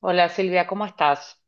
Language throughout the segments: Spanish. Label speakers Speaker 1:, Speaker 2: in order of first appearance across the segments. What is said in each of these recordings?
Speaker 1: Hola Silvia, ¿cómo estás?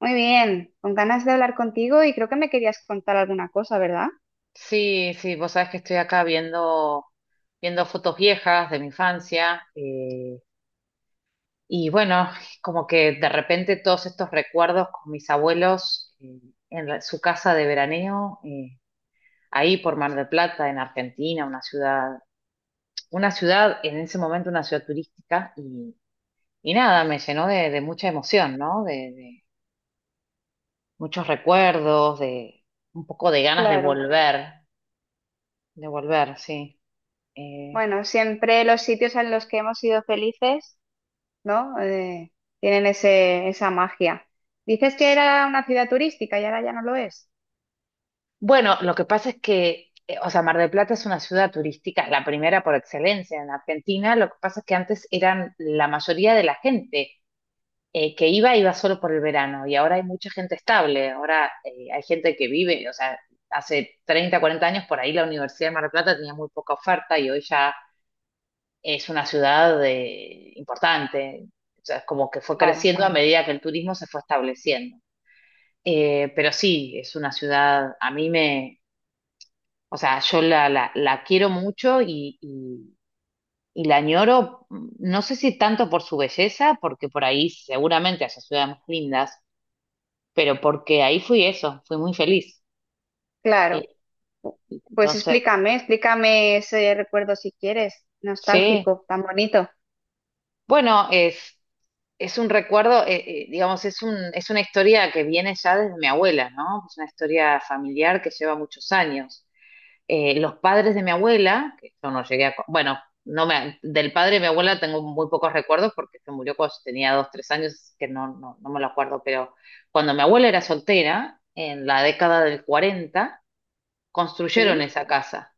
Speaker 2: Muy bien, con ganas de hablar contigo y creo que me querías contar alguna cosa, ¿verdad?
Speaker 1: Sí, sí, vos sabés que estoy acá viendo fotos viejas de mi infancia y bueno, como que de repente todos estos recuerdos con mis abuelos en su casa de veraneo, ahí por Mar del Plata, en Argentina, una ciudad, en ese momento una ciudad turística y nada, me llenó de mucha emoción, ¿no? De muchos recuerdos, de un poco de ganas de
Speaker 2: Claro.
Speaker 1: volver, de volver, sí. Eh,
Speaker 2: Bueno, siempre los sitios en los que hemos sido felices, ¿no? Tienen ese, esa magia. Dices que era una ciudad turística y ahora ya no lo es.
Speaker 1: bueno, lo que pasa es que, o sea, Mar del Plata es una ciudad turística, la primera por excelencia en Argentina. Lo que pasa es que antes eran la mayoría de la gente que iba solo por el verano y ahora hay mucha gente estable. Ahora hay gente que vive, o sea, hace 30, 40 años por ahí la Universidad de Mar del Plata tenía muy poca oferta y hoy ya es una ciudad importante. O sea, es como que fue
Speaker 2: Claro,
Speaker 1: creciendo a medida que el turismo se fue estableciendo. Pero sí, es una ciudad, a mí me, o sea, yo la quiero mucho y la añoro, no sé si tanto por su belleza, porque por ahí seguramente haya ciudades más lindas, pero porque ahí fui eso, fui muy feliz.
Speaker 2: claro.
Speaker 1: Eh,
Speaker 2: Pues
Speaker 1: Entonces
Speaker 2: explícame, explícame ese recuerdo si quieres,
Speaker 1: sí,
Speaker 2: nostálgico, tan bonito.
Speaker 1: bueno, es un recuerdo, digamos, es una historia que viene ya desde mi abuela, ¿no? Es una historia familiar que lleva muchos años. Los padres de mi abuela, que yo no llegué a. Bueno, no me, del padre de mi abuela tengo muy pocos recuerdos porque se murió cuando tenía 2, 3 años, que no me lo acuerdo, pero cuando mi abuela era soltera, en la década del 40 construyeron
Speaker 2: Sí,
Speaker 1: esa casa.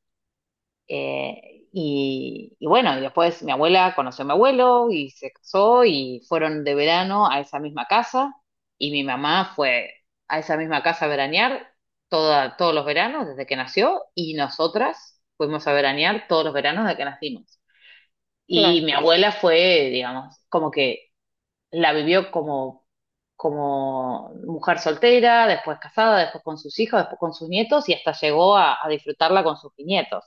Speaker 1: Y bueno, y después mi abuela conoció a mi abuelo y se casó y fueron de verano a esa misma casa y mi mamá fue a esa misma casa a veranear todos los veranos desde que nació y nosotras fuimos a veranear todos los veranos desde que nacimos. Y
Speaker 2: claro.
Speaker 1: mi abuela fue, digamos, como que la vivió como mujer soltera, después casada, después con sus hijos, después con sus nietos y hasta llegó a disfrutarla con sus nietos.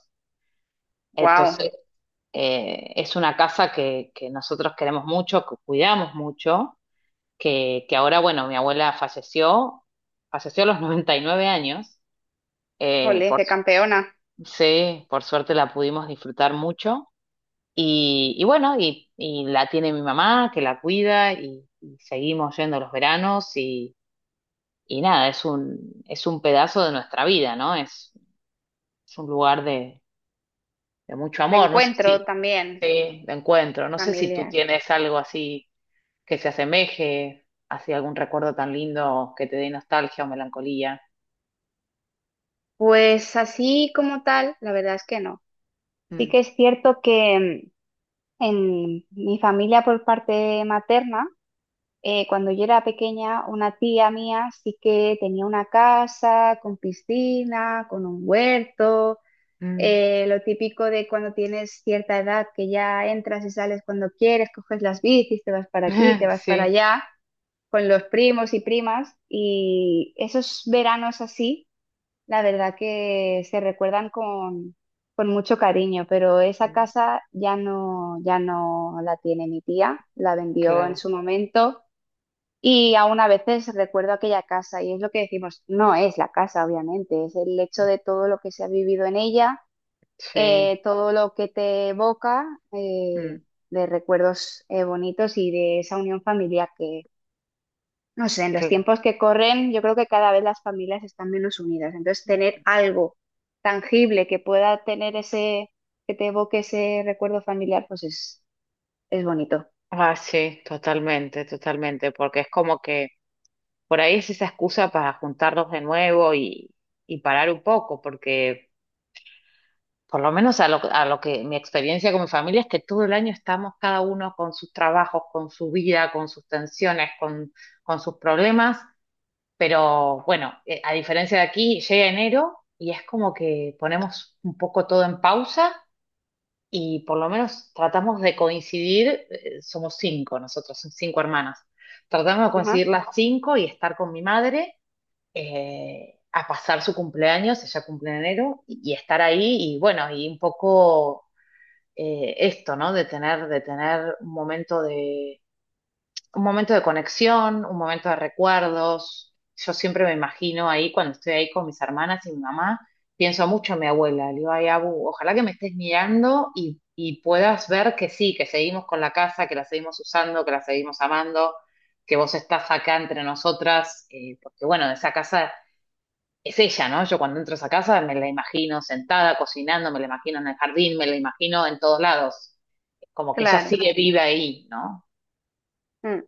Speaker 2: Wow,
Speaker 1: Entonces, es una casa que nosotros queremos mucho, que cuidamos mucho, que ahora, bueno, mi abuela falleció a los 99 años, eh,
Speaker 2: ole,
Speaker 1: por,
Speaker 2: qué campeona.
Speaker 1: sí, por suerte la pudimos disfrutar mucho y bueno, y la tiene mi mamá que la cuida y seguimos yendo los veranos y nada, es un pedazo de nuestra vida, ¿no? Es un lugar de mucho
Speaker 2: De
Speaker 1: amor, no sé
Speaker 2: encuentro
Speaker 1: si...
Speaker 2: también,
Speaker 1: Sí, de encuentro. No sé si tú
Speaker 2: familiar.
Speaker 1: tienes algo así que se asemeje, así algún recuerdo tan lindo que te dé nostalgia o melancolía.
Speaker 2: Pues así como tal, la verdad es que no. Sí
Speaker 1: Mm,
Speaker 2: que es cierto que en mi familia por parte materna, cuando yo era pequeña, una tía mía sí que tenía una casa con piscina, con un huerto,
Speaker 1: mm.
Speaker 2: lo típico de cuando tienes cierta edad que ya entras y sales cuando quieres, coges las bicis, te vas para aquí, te vas para
Speaker 1: Sí,
Speaker 2: allá, con los primos y primas. Y esos veranos así la verdad que se recuerdan con mucho cariño, pero esa
Speaker 1: mm,
Speaker 2: casa ya no, ya no la tiene mi tía, la vendió en
Speaker 1: claro,
Speaker 2: su momento y aún a veces recuerdo aquella casa y es lo que decimos, no es la casa, obviamente, es el hecho de todo lo que se ha vivido en ella,
Speaker 1: sí,
Speaker 2: todo lo que te evoca eh,
Speaker 1: mm,
Speaker 2: de recuerdos bonitos y de esa unión familiar. No sé, en los
Speaker 1: claro.
Speaker 2: tiempos que corren, yo creo que cada vez las familias están menos unidas. Entonces, tener algo tangible que pueda tener ese, que te evoque ese recuerdo familiar, pues es bonito.
Speaker 1: Ah, sí, totalmente, totalmente, porque es como que por ahí es esa excusa para juntarnos de nuevo y parar un poco, porque por lo menos a lo que mi experiencia con mi familia es que todo el año estamos cada uno con sus trabajos, con su vida, con sus tensiones, con sus problemas, pero bueno, a diferencia de aquí, llega enero y es como que ponemos un poco todo en pausa y por lo menos tratamos de coincidir, somos cinco nosotros, son cinco hermanas, tratamos de
Speaker 2: Ajá,
Speaker 1: coincidir las cinco y estar con mi madre a pasar su cumpleaños, ella cumple en enero, y estar ahí y bueno, y un poco esto, ¿no? De tener un momento de conexión, un momento de recuerdos. Yo siempre me imagino ahí, cuando estoy ahí con mis hermanas y mi mamá, pienso mucho en mi abuela. Le digo, ay, Abu, ojalá que me estés mirando y puedas ver que sí, que seguimos con la casa, que la seguimos usando, que la seguimos amando, que vos estás acá entre nosotras, porque bueno, esa casa es ella, ¿no? Yo cuando entro a esa casa me la imagino sentada, cocinando, me la imagino en el jardín, me la imagino en todos lados. Como que ella
Speaker 2: claro.
Speaker 1: sigue viva ahí, ¿no?
Speaker 2: Mm.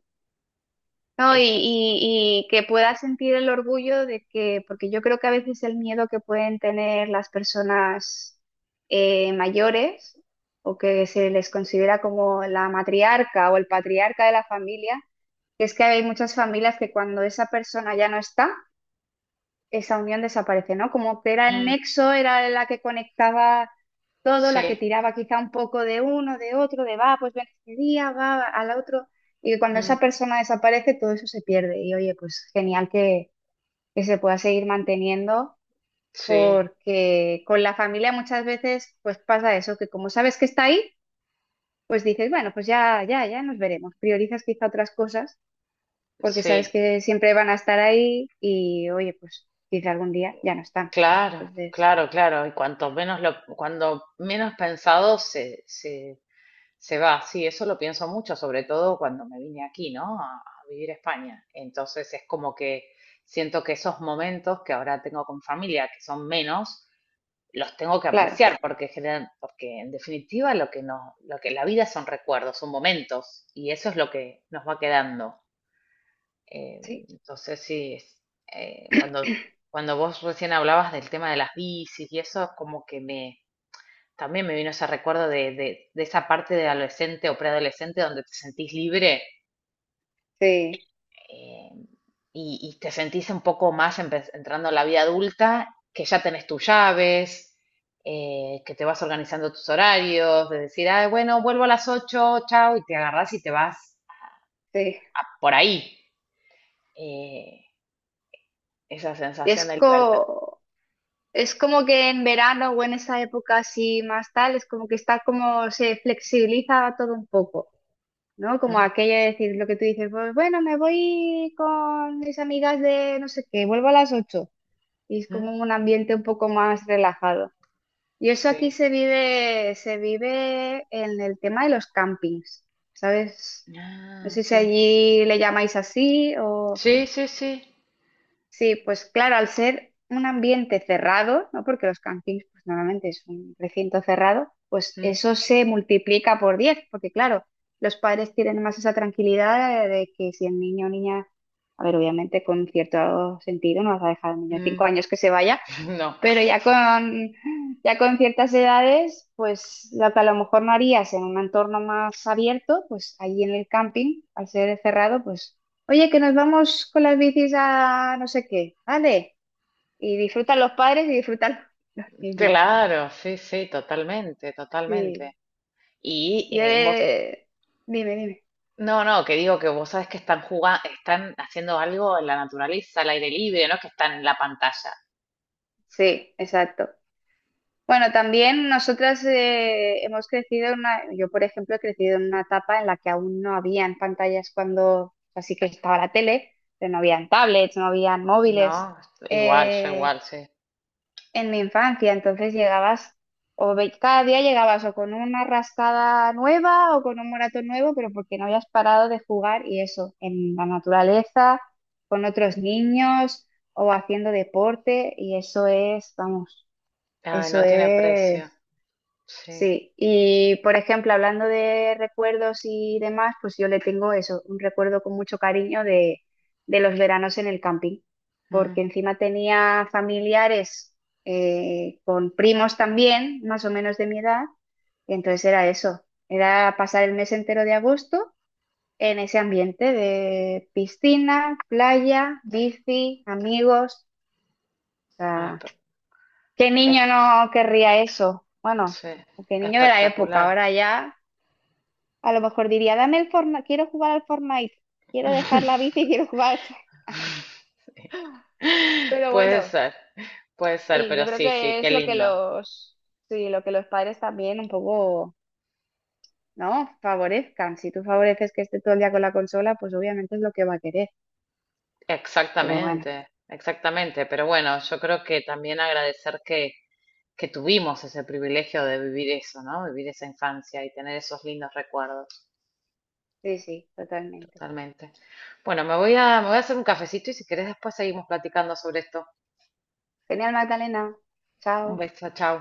Speaker 2: No, y,
Speaker 1: Es, es-
Speaker 2: y, y que puedas sentir el orgullo de que, porque yo creo que a veces el miedo que pueden tener las personas mayores o que se les considera como la matriarca o el patriarca de la familia. Es que hay muchas familias que cuando esa persona ya no está, esa unión desaparece, ¿no? Como que era el
Speaker 1: Mm,
Speaker 2: nexo, era la que conectaba todo, la que
Speaker 1: sí.
Speaker 2: tiraba quizá un poco de uno, de otro, de va, pues ven este día, va al otro. Y cuando
Speaker 1: Mm,
Speaker 2: esa persona desaparece, todo eso se pierde. Y oye, pues genial que se pueda seguir manteniendo,
Speaker 1: Sí,
Speaker 2: porque con la familia muchas veces pues pasa eso, que como sabes que está ahí, pues dices, bueno, pues ya, ya, ya nos veremos. Priorizas quizá otras cosas porque sabes
Speaker 1: sí,
Speaker 2: que siempre van a estar ahí y, oye, pues quizá algún día ya no están.
Speaker 1: claro,
Speaker 2: Entonces,
Speaker 1: claro, claro. Y cuando menos pensado se va. Sí, eso lo pienso mucho, sobre todo cuando me vine aquí, ¿no? A vivir a España. Entonces es como que siento que esos momentos que ahora tengo con familia, que son menos, los tengo que
Speaker 2: claro,
Speaker 1: apreciar porque generan, porque en definitiva lo que nos, lo que la vida son recuerdos, son momentos, y eso es lo que nos va quedando. Eh,
Speaker 2: sí,
Speaker 1: entonces sí, eh, cuando, cuando vos recién hablabas del tema de las bicis y eso, como que también me vino ese recuerdo de esa parte de adolescente o preadolescente donde te sentís libre
Speaker 2: sí,
Speaker 1: eh, y te sentís un poco más entrando a la vida adulta, que ya tenés tus llaves. Que te vas organizando tus horarios, de decir, ah, bueno, vuelvo a las 8, chao, y te agarrás y te vas
Speaker 2: sí.
Speaker 1: por ahí. eh, esa sensación
Speaker 2: Es,
Speaker 1: de libertad.
Speaker 2: co- es como que en verano o en esa época así más tal, es como que está como se flexibiliza todo un poco. ¿No? Como aquello de decir lo que tú dices, pues bueno, me voy con mis amigas de no sé qué, vuelvo a las 8. Y es
Speaker 1: Ujú.
Speaker 2: como un ambiente un poco más relajado. Y eso aquí
Speaker 1: Sí.
Speaker 2: se vive en el tema de los campings, ¿sabes? No
Speaker 1: Ah,
Speaker 2: sé si
Speaker 1: sí.
Speaker 2: allí le llamáis así o...
Speaker 1: Sí, sí, sí.
Speaker 2: Sí, pues claro, al ser un ambiente cerrado, ¿no? Porque los campings pues, normalmente es un recinto cerrado, pues
Speaker 1: Mm,
Speaker 2: eso se multiplica por 10, porque claro, los padres tienen más esa tranquilidad de que si el niño o niña, a ver, obviamente con cierto sentido no vas a dejar al niño de
Speaker 1: mm.
Speaker 2: 5 años que se vaya,
Speaker 1: No.
Speaker 2: pero ya con ciertas edades, pues lo que a lo mejor no harías en un entorno más abierto, pues allí en el camping, al ser cerrado, pues. Oye, que nos vamos con las bicis a no sé qué, ¿vale? Y disfrutan los padres y disfrutan los niños.
Speaker 1: Claro, sí, sí, totalmente,
Speaker 2: Sí.
Speaker 1: totalmente. Y
Speaker 2: Yo, eh, Dime, dime.
Speaker 1: no, no, que digo que vos sabés que están jugando, están haciendo algo en la naturaleza, al aire libre, no es que están en la pantalla.
Speaker 2: Sí, exacto. Bueno, también nosotras hemos crecido en una, yo por ejemplo he crecido en una etapa en la que aún no habían pantallas cuando, así que estaba la tele, pero no habían tablets, no habían móviles.
Speaker 1: No, igual, yo
Speaker 2: Eh,
Speaker 1: igual, sí.
Speaker 2: en mi infancia, entonces llegabas, cada día llegabas o con una rascada nueva o con un moratón nuevo, pero porque no habías parado de jugar y eso, en la naturaleza, con otros niños o haciendo deporte, y eso es, vamos,
Speaker 1: Ay,
Speaker 2: eso
Speaker 1: no tiene precio.
Speaker 2: es.
Speaker 1: Sí.
Speaker 2: Sí, y por ejemplo, hablando de recuerdos y demás, pues yo le tengo eso, un recuerdo con mucho cariño de los veranos en el camping, porque
Speaker 1: Mm.
Speaker 2: encima tenía familiares con primos también, más o menos de mi edad, y entonces era eso, era pasar el mes entero de agosto en ese ambiente de piscina, playa, bici, amigos, o
Speaker 1: Ah,
Speaker 2: sea, ¿qué
Speaker 1: es-
Speaker 2: niño no querría eso? Bueno,
Speaker 1: sí,
Speaker 2: ¿qué niño de la época?
Speaker 1: espectacular.
Speaker 2: Ahora ya... A lo mejor diría, dame el Fortnite, quiero jugar al Fortnite, quiero dejar la bici y quiero jugar al Fortnite.
Speaker 1: Sí.
Speaker 2: Pero
Speaker 1: Puede
Speaker 2: bueno,
Speaker 1: ser, puede ser,
Speaker 2: sí, yo
Speaker 1: pero
Speaker 2: creo
Speaker 1: sí, sí,
Speaker 2: que
Speaker 1: qué
Speaker 2: es lo que
Speaker 1: lindo.
Speaker 2: los, sí, lo que los padres también un poco, ¿no? Favorezcan. Si tú favoreces que esté todo el día con la consola, pues obviamente es lo que va a querer. Pero bueno,
Speaker 1: Exactamente, exactamente. Pero bueno, yo creo que también agradecer que tuvimos ese privilegio de vivir eso, ¿no? Vivir esa infancia y tener esos lindos recuerdos,
Speaker 2: sí, sí, totalmente.
Speaker 1: totalmente. Bueno, me voy a hacer un cafecito y si querés después seguimos platicando sobre esto.
Speaker 2: Genial, Magdalena.
Speaker 1: Un
Speaker 2: Chao.
Speaker 1: beso, chao.